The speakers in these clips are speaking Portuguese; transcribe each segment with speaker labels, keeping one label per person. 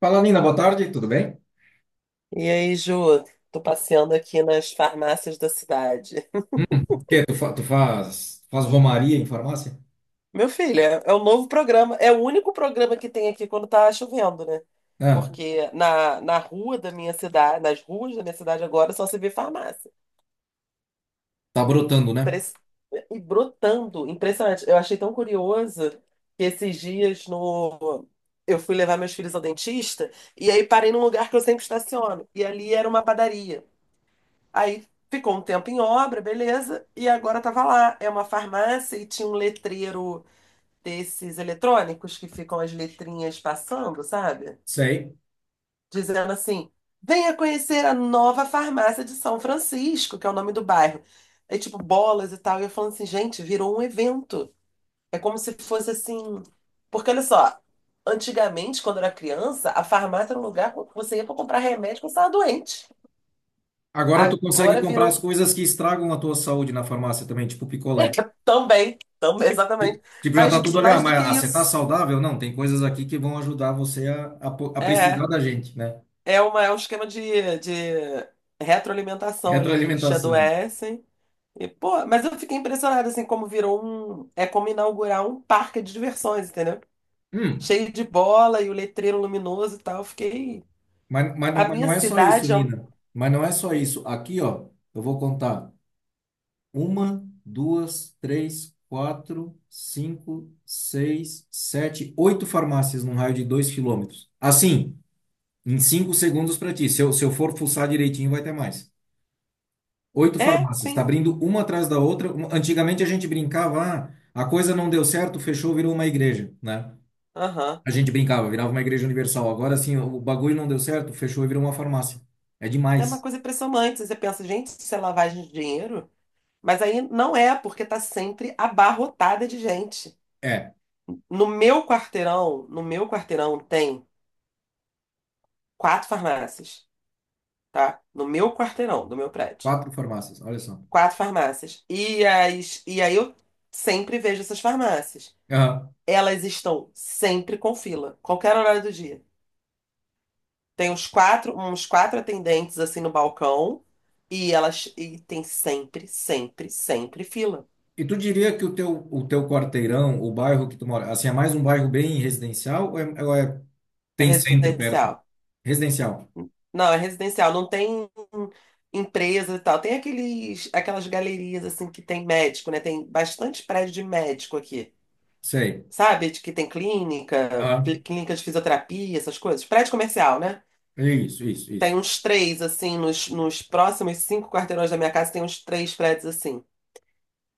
Speaker 1: Fala, Nina, boa tarde, tudo bem?
Speaker 2: E aí, Ju, tô passeando aqui nas farmácias da cidade.
Speaker 1: Hum, que tu, tu faz romaria em farmácia?
Speaker 2: Meu filho, é o novo programa, é o único programa que tem aqui quando tá chovendo, né?
Speaker 1: Ah,
Speaker 2: Porque na rua da minha cidade, nas ruas da minha cidade agora só se vê farmácia.
Speaker 1: tá brotando, né?
Speaker 2: Impress- E brotando, impressionante. Eu achei tão curioso que esses dias no... eu fui levar meus filhos ao dentista e aí parei num lugar que eu sempre estaciono. E ali era uma padaria. Aí ficou um tempo em obra, beleza, e agora tava lá. É uma farmácia e tinha um letreiro desses eletrônicos que ficam as letrinhas passando, sabe?
Speaker 1: Sei.
Speaker 2: Dizendo assim: venha conhecer a nova farmácia de São Francisco, que é o nome do bairro. Aí, tipo, bolas e tal. E eu falando assim, gente, virou um evento. É como se fosse assim. Porque olha só, antigamente, quando eu era criança, a farmácia era um lugar que você ia para comprar remédio quando você estava doente.
Speaker 1: Agora tu consegue
Speaker 2: Agora
Speaker 1: comprar as
Speaker 2: virou
Speaker 1: coisas que estragam a tua saúde na farmácia também, tipo picolé.
Speaker 2: Também, também, exatamente.
Speaker 1: Tipo, já
Speaker 2: Mas
Speaker 1: tá tudo ali, ah,
Speaker 2: mais do
Speaker 1: mas
Speaker 2: que
Speaker 1: ah, você tá
Speaker 2: isso,
Speaker 1: saudável? Não, tem coisas aqui que vão ajudar você a precisar
Speaker 2: é,
Speaker 1: da gente, né?
Speaker 2: é um esquema de retroalimentação ali, né? Eles te
Speaker 1: Retroalimentação.
Speaker 2: adoecem. E, pô, mas eu fiquei impressionada, assim, como virou É como inaugurar um parque de diversões, entendeu?
Speaker 1: Hum,
Speaker 2: Cheio de bola e o letreiro luminoso e tal. Eu fiquei. A
Speaker 1: mas
Speaker 2: minha
Speaker 1: não é só isso,
Speaker 2: cidade é.
Speaker 1: Nina. Mas não é só isso. Aqui, ó, eu vou contar. Uma, duas, três, quatro, cinco, seis, sete, oito farmácias num raio de 2 km. Assim, em cinco segundos para ti. Se eu for fuçar direitinho, vai ter mais. Oito
Speaker 2: É,
Speaker 1: farmácias. Está
Speaker 2: sim.
Speaker 1: abrindo uma atrás da outra. Antigamente a gente brincava, ah, a coisa não deu certo, fechou, virou uma igreja, né?
Speaker 2: Aham.
Speaker 1: A gente brincava, virava uma igreja universal. Agora sim, o bagulho não deu certo, fechou e virou uma farmácia. É
Speaker 2: É uma
Speaker 1: demais.
Speaker 2: coisa impressionante. Você pensa, gente, isso é lavagem de dinheiro? Mas aí não é, porque tá sempre abarrotada de gente.
Speaker 1: É,
Speaker 2: No meu quarteirão tem quatro farmácias, tá? No meu quarteirão, do meu prédio.
Speaker 1: quatro farmácias, olha só.
Speaker 2: Quatro farmácias. E aí eu sempre vejo essas farmácias. Elas estão sempre com fila, qualquer horário do dia. Tem uns quatro atendentes assim no balcão e elas e tem sempre, sempre, sempre fila.
Speaker 1: E tu diria que o teu quarteirão, o bairro que tu mora, assim, é mais um bairro bem residencial ou é- tem centro perto?
Speaker 2: Residencial.
Speaker 1: Residencial,
Speaker 2: Não, é residencial, não tem empresa e tal. Tem aquelas galerias assim que tem médico, né? Tem bastante prédio de médico aqui.
Speaker 1: sei.
Speaker 2: Sabe? De Que tem clínica,
Speaker 1: Ah,
Speaker 2: clínica de fisioterapia, essas coisas. Prédio comercial, né?
Speaker 1: isso, isso,
Speaker 2: Tem
Speaker 1: isso.
Speaker 2: uns três, assim, nos próximos cinco quarteirões da minha casa, tem uns três prédios assim.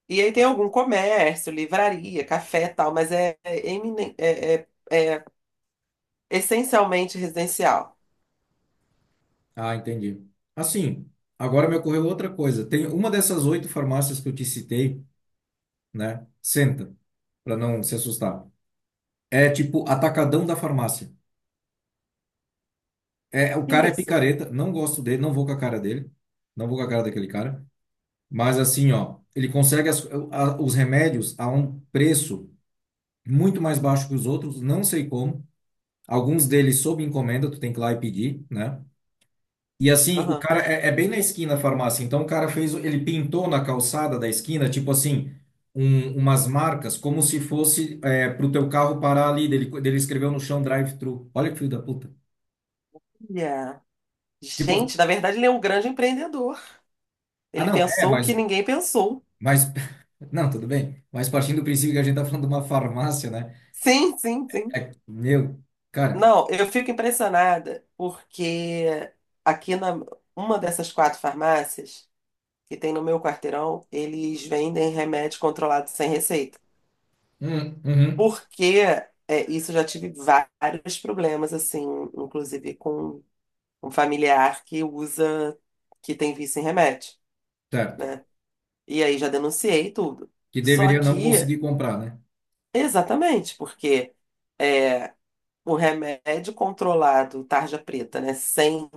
Speaker 2: E aí tem algum comércio, livraria, café e tal, mas essencialmente residencial.
Speaker 1: Ah, entendi. Assim, agora me ocorreu outra coisa. Tem uma dessas oito farmácias que eu te citei, né? Senta, para não se assustar. É tipo atacadão da farmácia. É, o cara é
Speaker 2: Isso.
Speaker 1: picareta, não gosto dele, não vou com a cara dele, não vou com a cara daquele cara. Mas assim, ó, ele consegue os remédios a um preço muito mais baixo que os outros, não sei como. Alguns deles sob encomenda, tu tem que ir lá e pedir, né? E assim,
Speaker 2: Aham.
Speaker 1: é bem na esquina a farmácia. Então o cara fez, ele pintou na calçada da esquina, tipo assim, umas marcas, como se fosse é, pro teu carro parar ali. Dele escreveu no chão drive-thru. Olha que filho da puta.
Speaker 2: Yeah.
Speaker 1: Tipo, assim,
Speaker 2: Gente, na verdade, ele é um grande empreendedor.
Speaker 1: ah
Speaker 2: Ele
Speaker 1: não,
Speaker 2: pensou o que ninguém pensou.
Speaker 1: mas, não, tudo bem. Mas partindo do princípio que a gente tá falando de uma farmácia, né?
Speaker 2: Sim, sim, sim.
Speaker 1: É, meu, cara,
Speaker 2: Não, eu fico impressionada porque aqui na uma dessas quatro farmácias que tem no meu quarteirão, eles vendem remédio controlado sem receita.
Speaker 1: uhum,
Speaker 2: Porque isso eu já tive vários problemas, assim, inclusive com um familiar que tem vício em remédio.
Speaker 1: certo.
Speaker 2: E aí já denunciei tudo.
Speaker 1: Que
Speaker 2: Só
Speaker 1: deveria não
Speaker 2: que,
Speaker 1: conseguir comprar, né?
Speaker 2: exatamente, porque é, o remédio controlado, tarja preta, né, sem,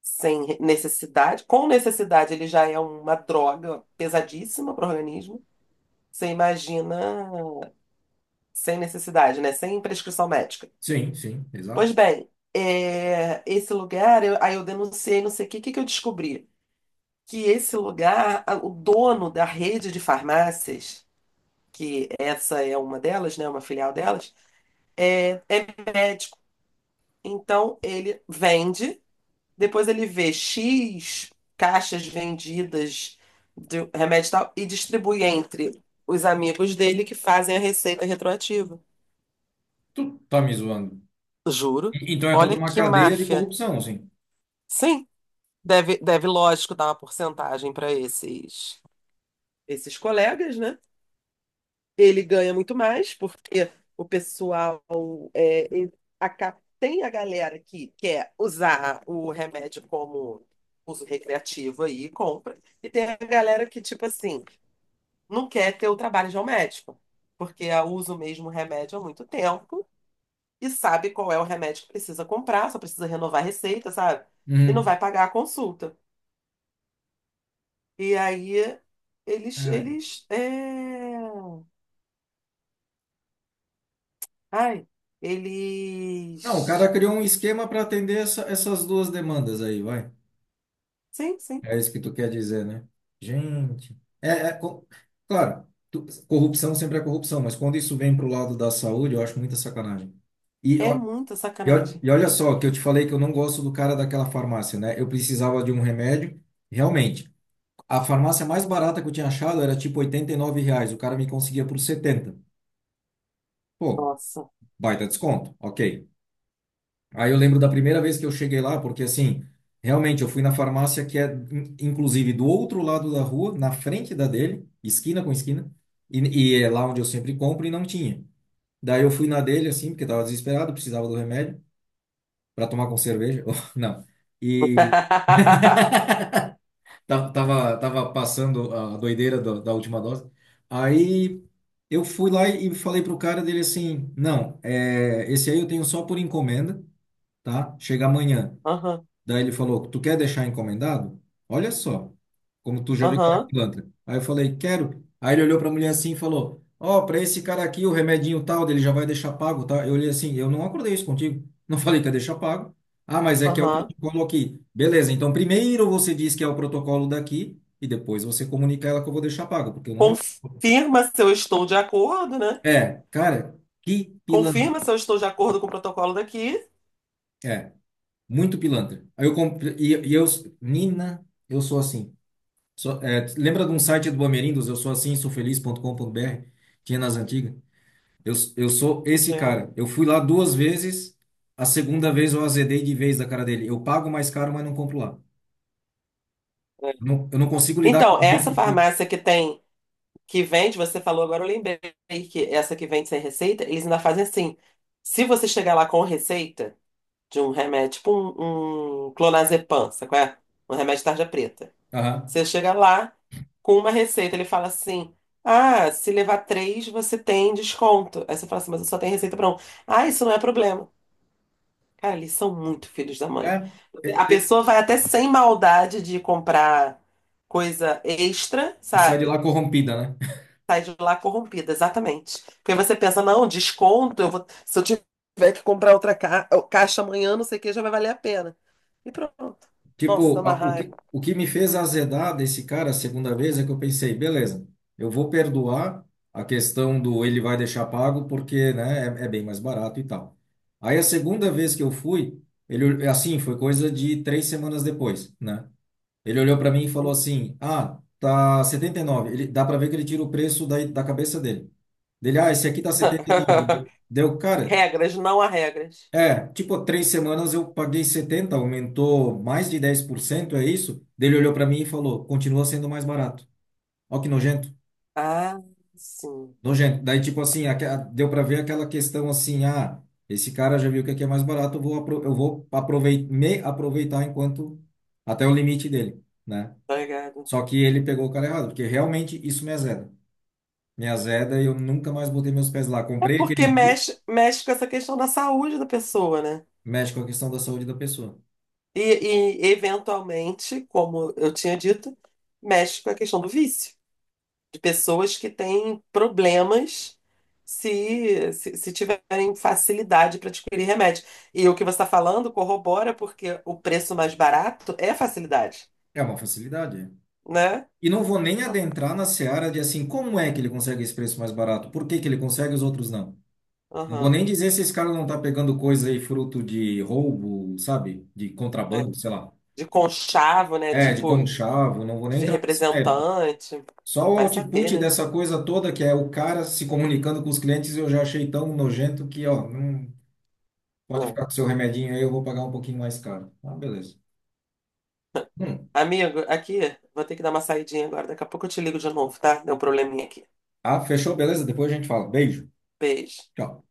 Speaker 2: sem necessidade, com necessidade ele já é uma droga pesadíssima para o organismo. Você imagina sem necessidade, né? Sem prescrição médica.
Speaker 1: Sim, sim,
Speaker 2: Pois
Speaker 1: exato.
Speaker 2: bem, esse lugar, aí eu denunciei, não sei o que que eu descobri? Que esse lugar, o dono da rede de farmácias, que essa é uma delas, né? Uma filial delas, é médico. Então ele vende, depois ele vê X caixas vendidas de remédio e tal e distribui entre os amigos dele que fazem a receita retroativa.
Speaker 1: Tu tá me zoando.
Speaker 2: Juro.
Speaker 1: Então é toda
Speaker 2: Olha
Speaker 1: uma
Speaker 2: que
Speaker 1: cadeia de
Speaker 2: máfia.
Speaker 1: corrupção, assim.
Speaker 2: Sim. Deve, lógico, dar uma porcentagem para esses colegas, né? Ele ganha muito mais, porque o pessoal ele tem a galera que quer usar o remédio como uso recreativo aí, e compra, e tem a galera que, tipo assim, não quer ter o trabalho de um médico, porque a usa o mesmo remédio há muito tempo e sabe qual é o remédio que precisa comprar, só precisa renovar a receita, sabe? E não
Speaker 1: Uhum.
Speaker 2: vai pagar a consulta. E aí eles,
Speaker 1: É.
Speaker 2: eles, é... ai,
Speaker 1: Não, o
Speaker 2: eles,
Speaker 1: cara criou um esquema para atender essas duas demandas aí, vai.
Speaker 2: sim, sim,
Speaker 1: É isso que tu quer dizer, né? Gente. Claro, corrupção sempre é corrupção, mas quando isso vem pro lado da saúde, eu acho muita sacanagem. E,
Speaker 2: é
Speaker 1: ó-
Speaker 2: muita sacanagem.
Speaker 1: e olha só, que eu te falei que eu não gosto do cara daquela farmácia, né? Eu precisava de um remédio, realmente. A farmácia mais barata que eu tinha achado era tipo R$ 89. O cara me conseguia por 70. Pô,
Speaker 2: Nossa.
Speaker 1: baita desconto. Ok. Aí eu lembro da primeira vez que eu cheguei lá, porque assim, realmente eu fui na farmácia que é, inclusive, do outro lado da rua, na frente da dele, esquina com esquina, e, e é lá onde eu sempre compro e não tinha. Daí eu fui na dele, assim, porque tava desesperado, precisava do remédio para tomar com cerveja. Não. Tava passando a doideira da última dose. Aí eu fui lá e falei pro cara dele assim: não, é, esse aí eu tenho só por encomenda, tá? Chega amanhã.
Speaker 2: Aham,
Speaker 1: Daí ele falou: tu quer deixar encomendado? Olha só, como tu já viu cara
Speaker 2: aham,
Speaker 1: pilantra. Aí eu falei: quero. Aí ele olhou para a mulher assim e falou: ó, para esse cara aqui, o remedinho tal, dele já vai deixar pago, tá? Eu olhei assim: eu não acordei isso contigo. Não falei que ia deixar pago. Ah, mas é que é o
Speaker 2: aham.
Speaker 1: protocolo aqui. Beleza, então primeiro você diz que é o protocolo daqui e depois você comunica a ela que eu vou deixar pago, porque eu não.
Speaker 2: Confirma se eu estou de acordo, né?
Speaker 1: É, cara, que
Speaker 2: Confirma
Speaker 1: pilantra.
Speaker 2: se eu estou de acordo com o protocolo daqui.
Speaker 1: É, muito pilantra. Aí eu comprei, Nina, eu sou assim. Lembra de um site do Bamerindos? Eu sou assim, sou feliz.com.br? Tinha nas antigas. Eu sou esse
Speaker 2: É,
Speaker 1: cara. Eu fui lá duas vezes, a segunda vez eu azedei de vez da cara dele. Eu pago mais caro, mas não compro lá.
Speaker 2: é.
Speaker 1: Eu não consigo lidar
Speaker 2: Então,
Speaker 1: com
Speaker 2: essa
Speaker 1: gente que.
Speaker 2: farmácia que vende, você falou agora, eu lembrei que essa que vende sem receita, eles ainda fazem assim. Se você chegar lá com receita de um remédio, tipo um clonazepam, sabe qual é? Um remédio de tarja preta.
Speaker 1: Aham.
Speaker 2: Você chega lá com uma receita, ele fala assim: ah, se levar três, você tem desconto. Aí você fala assim, mas eu só tenho receita para um. Ah, isso não é problema. Cara, eles são muito filhos da
Speaker 1: É,
Speaker 2: mãe.
Speaker 1: e,
Speaker 2: A
Speaker 1: e-
Speaker 2: pessoa vai até sem maldade de comprar coisa extra,
Speaker 1: e sai de lá
Speaker 2: sabe?
Speaker 1: corrompida, né?
Speaker 2: Sai de lá corrompida, exatamente. Porque você pensa, não, desconto, eu vou, se eu tiver que comprar outra caixa amanhã, não sei o que, já vai valer a pena. E pronto. Nossa, dá
Speaker 1: Tipo,
Speaker 2: uma raiva.
Speaker 1: o que me fez azedar desse cara a segunda vez é que eu pensei, beleza, eu vou perdoar a questão do ele vai deixar pago porque, né, é bem mais barato e tal. Aí a segunda vez que eu fui, ele, assim, foi coisa de três semanas depois, né? Ele olhou para mim e falou assim, ah, tá 79. Ele, dá para ver que ele tira o preço da cabeça dele. Dele, ah, esse aqui tá setenta e nove, Deu, cara,
Speaker 2: Regras, não há regras.
Speaker 1: é, tipo, três semanas eu paguei 70, aumentou mais de 10%, é isso? Daí ele olhou para mim e falou, continua sendo mais barato. Ó que nojento,
Speaker 2: Ah, sim.
Speaker 1: nojento. Daí, tipo assim, deu para ver aquela questão assim, ah, esse cara já viu que aqui é mais barato, eu vou, apro- eu vou aprovei- me aproveitar enquanto, até o limite dele, né?
Speaker 2: Obrigada.
Speaker 1: Só que ele pegou o cara errado, porque realmente isso me azeda. Me azeda e eu nunca mais botei meus pés lá.
Speaker 2: É
Speaker 1: Comprei
Speaker 2: porque
Speaker 1: aquele dia,
Speaker 2: mexe, mexe com essa questão da saúde da pessoa, né?
Speaker 1: mexe com a questão da saúde da pessoa.
Speaker 2: E, e, eventualmente, como eu tinha dito, mexe com a questão do vício, de pessoas que têm problemas se tiverem facilidade para adquirir remédio. E o que você está falando corrobora porque o preço mais barato é facilidade,
Speaker 1: É uma facilidade. É.
Speaker 2: né?
Speaker 1: E não vou nem adentrar na seara de assim, como é que ele consegue esse preço mais barato? Por que que ele consegue e os outros não? Não vou
Speaker 2: Aham,
Speaker 1: nem dizer se esse cara não tá pegando coisa aí fruto de roubo, sabe? De
Speaker 2: é.
Speaker 1: contrabando, sei lá.
Speaker 2: De conchavo, né?
Speaker 1: É, de
Speaker 2: Tipo,
Speaker 1: conchavo, não vou nem
Speaker 2: de
Speaker 1: entrar nesse mérito.
Speaker 2: representante.
Speaker 1: Só o
Speaker 2: Vai saber,
Speaker 1: output
Speaker 2: né?
Speaker 1: dessa coisa toda, que é o cara se comunicando com os clientes, eu já achei tão nojento que, ó, não pode
Speaker 2: É.
Speaker 1: ficar com seu remedinho aí, eu vou pagar um pouquinho mais caro. Ah, beleza. Hum.
Speaker 2: Amigo, aqui, vou ter que dar uma saidinha agora. Daqui a pouco eu te ligo de novo, tá? Deu um probleminha aqui.
Speaker 1: Ah, fechou, beleza? Depois a gente fala. Beijo.
Speaker 2: Beijo.
Speaker 1: Tchau.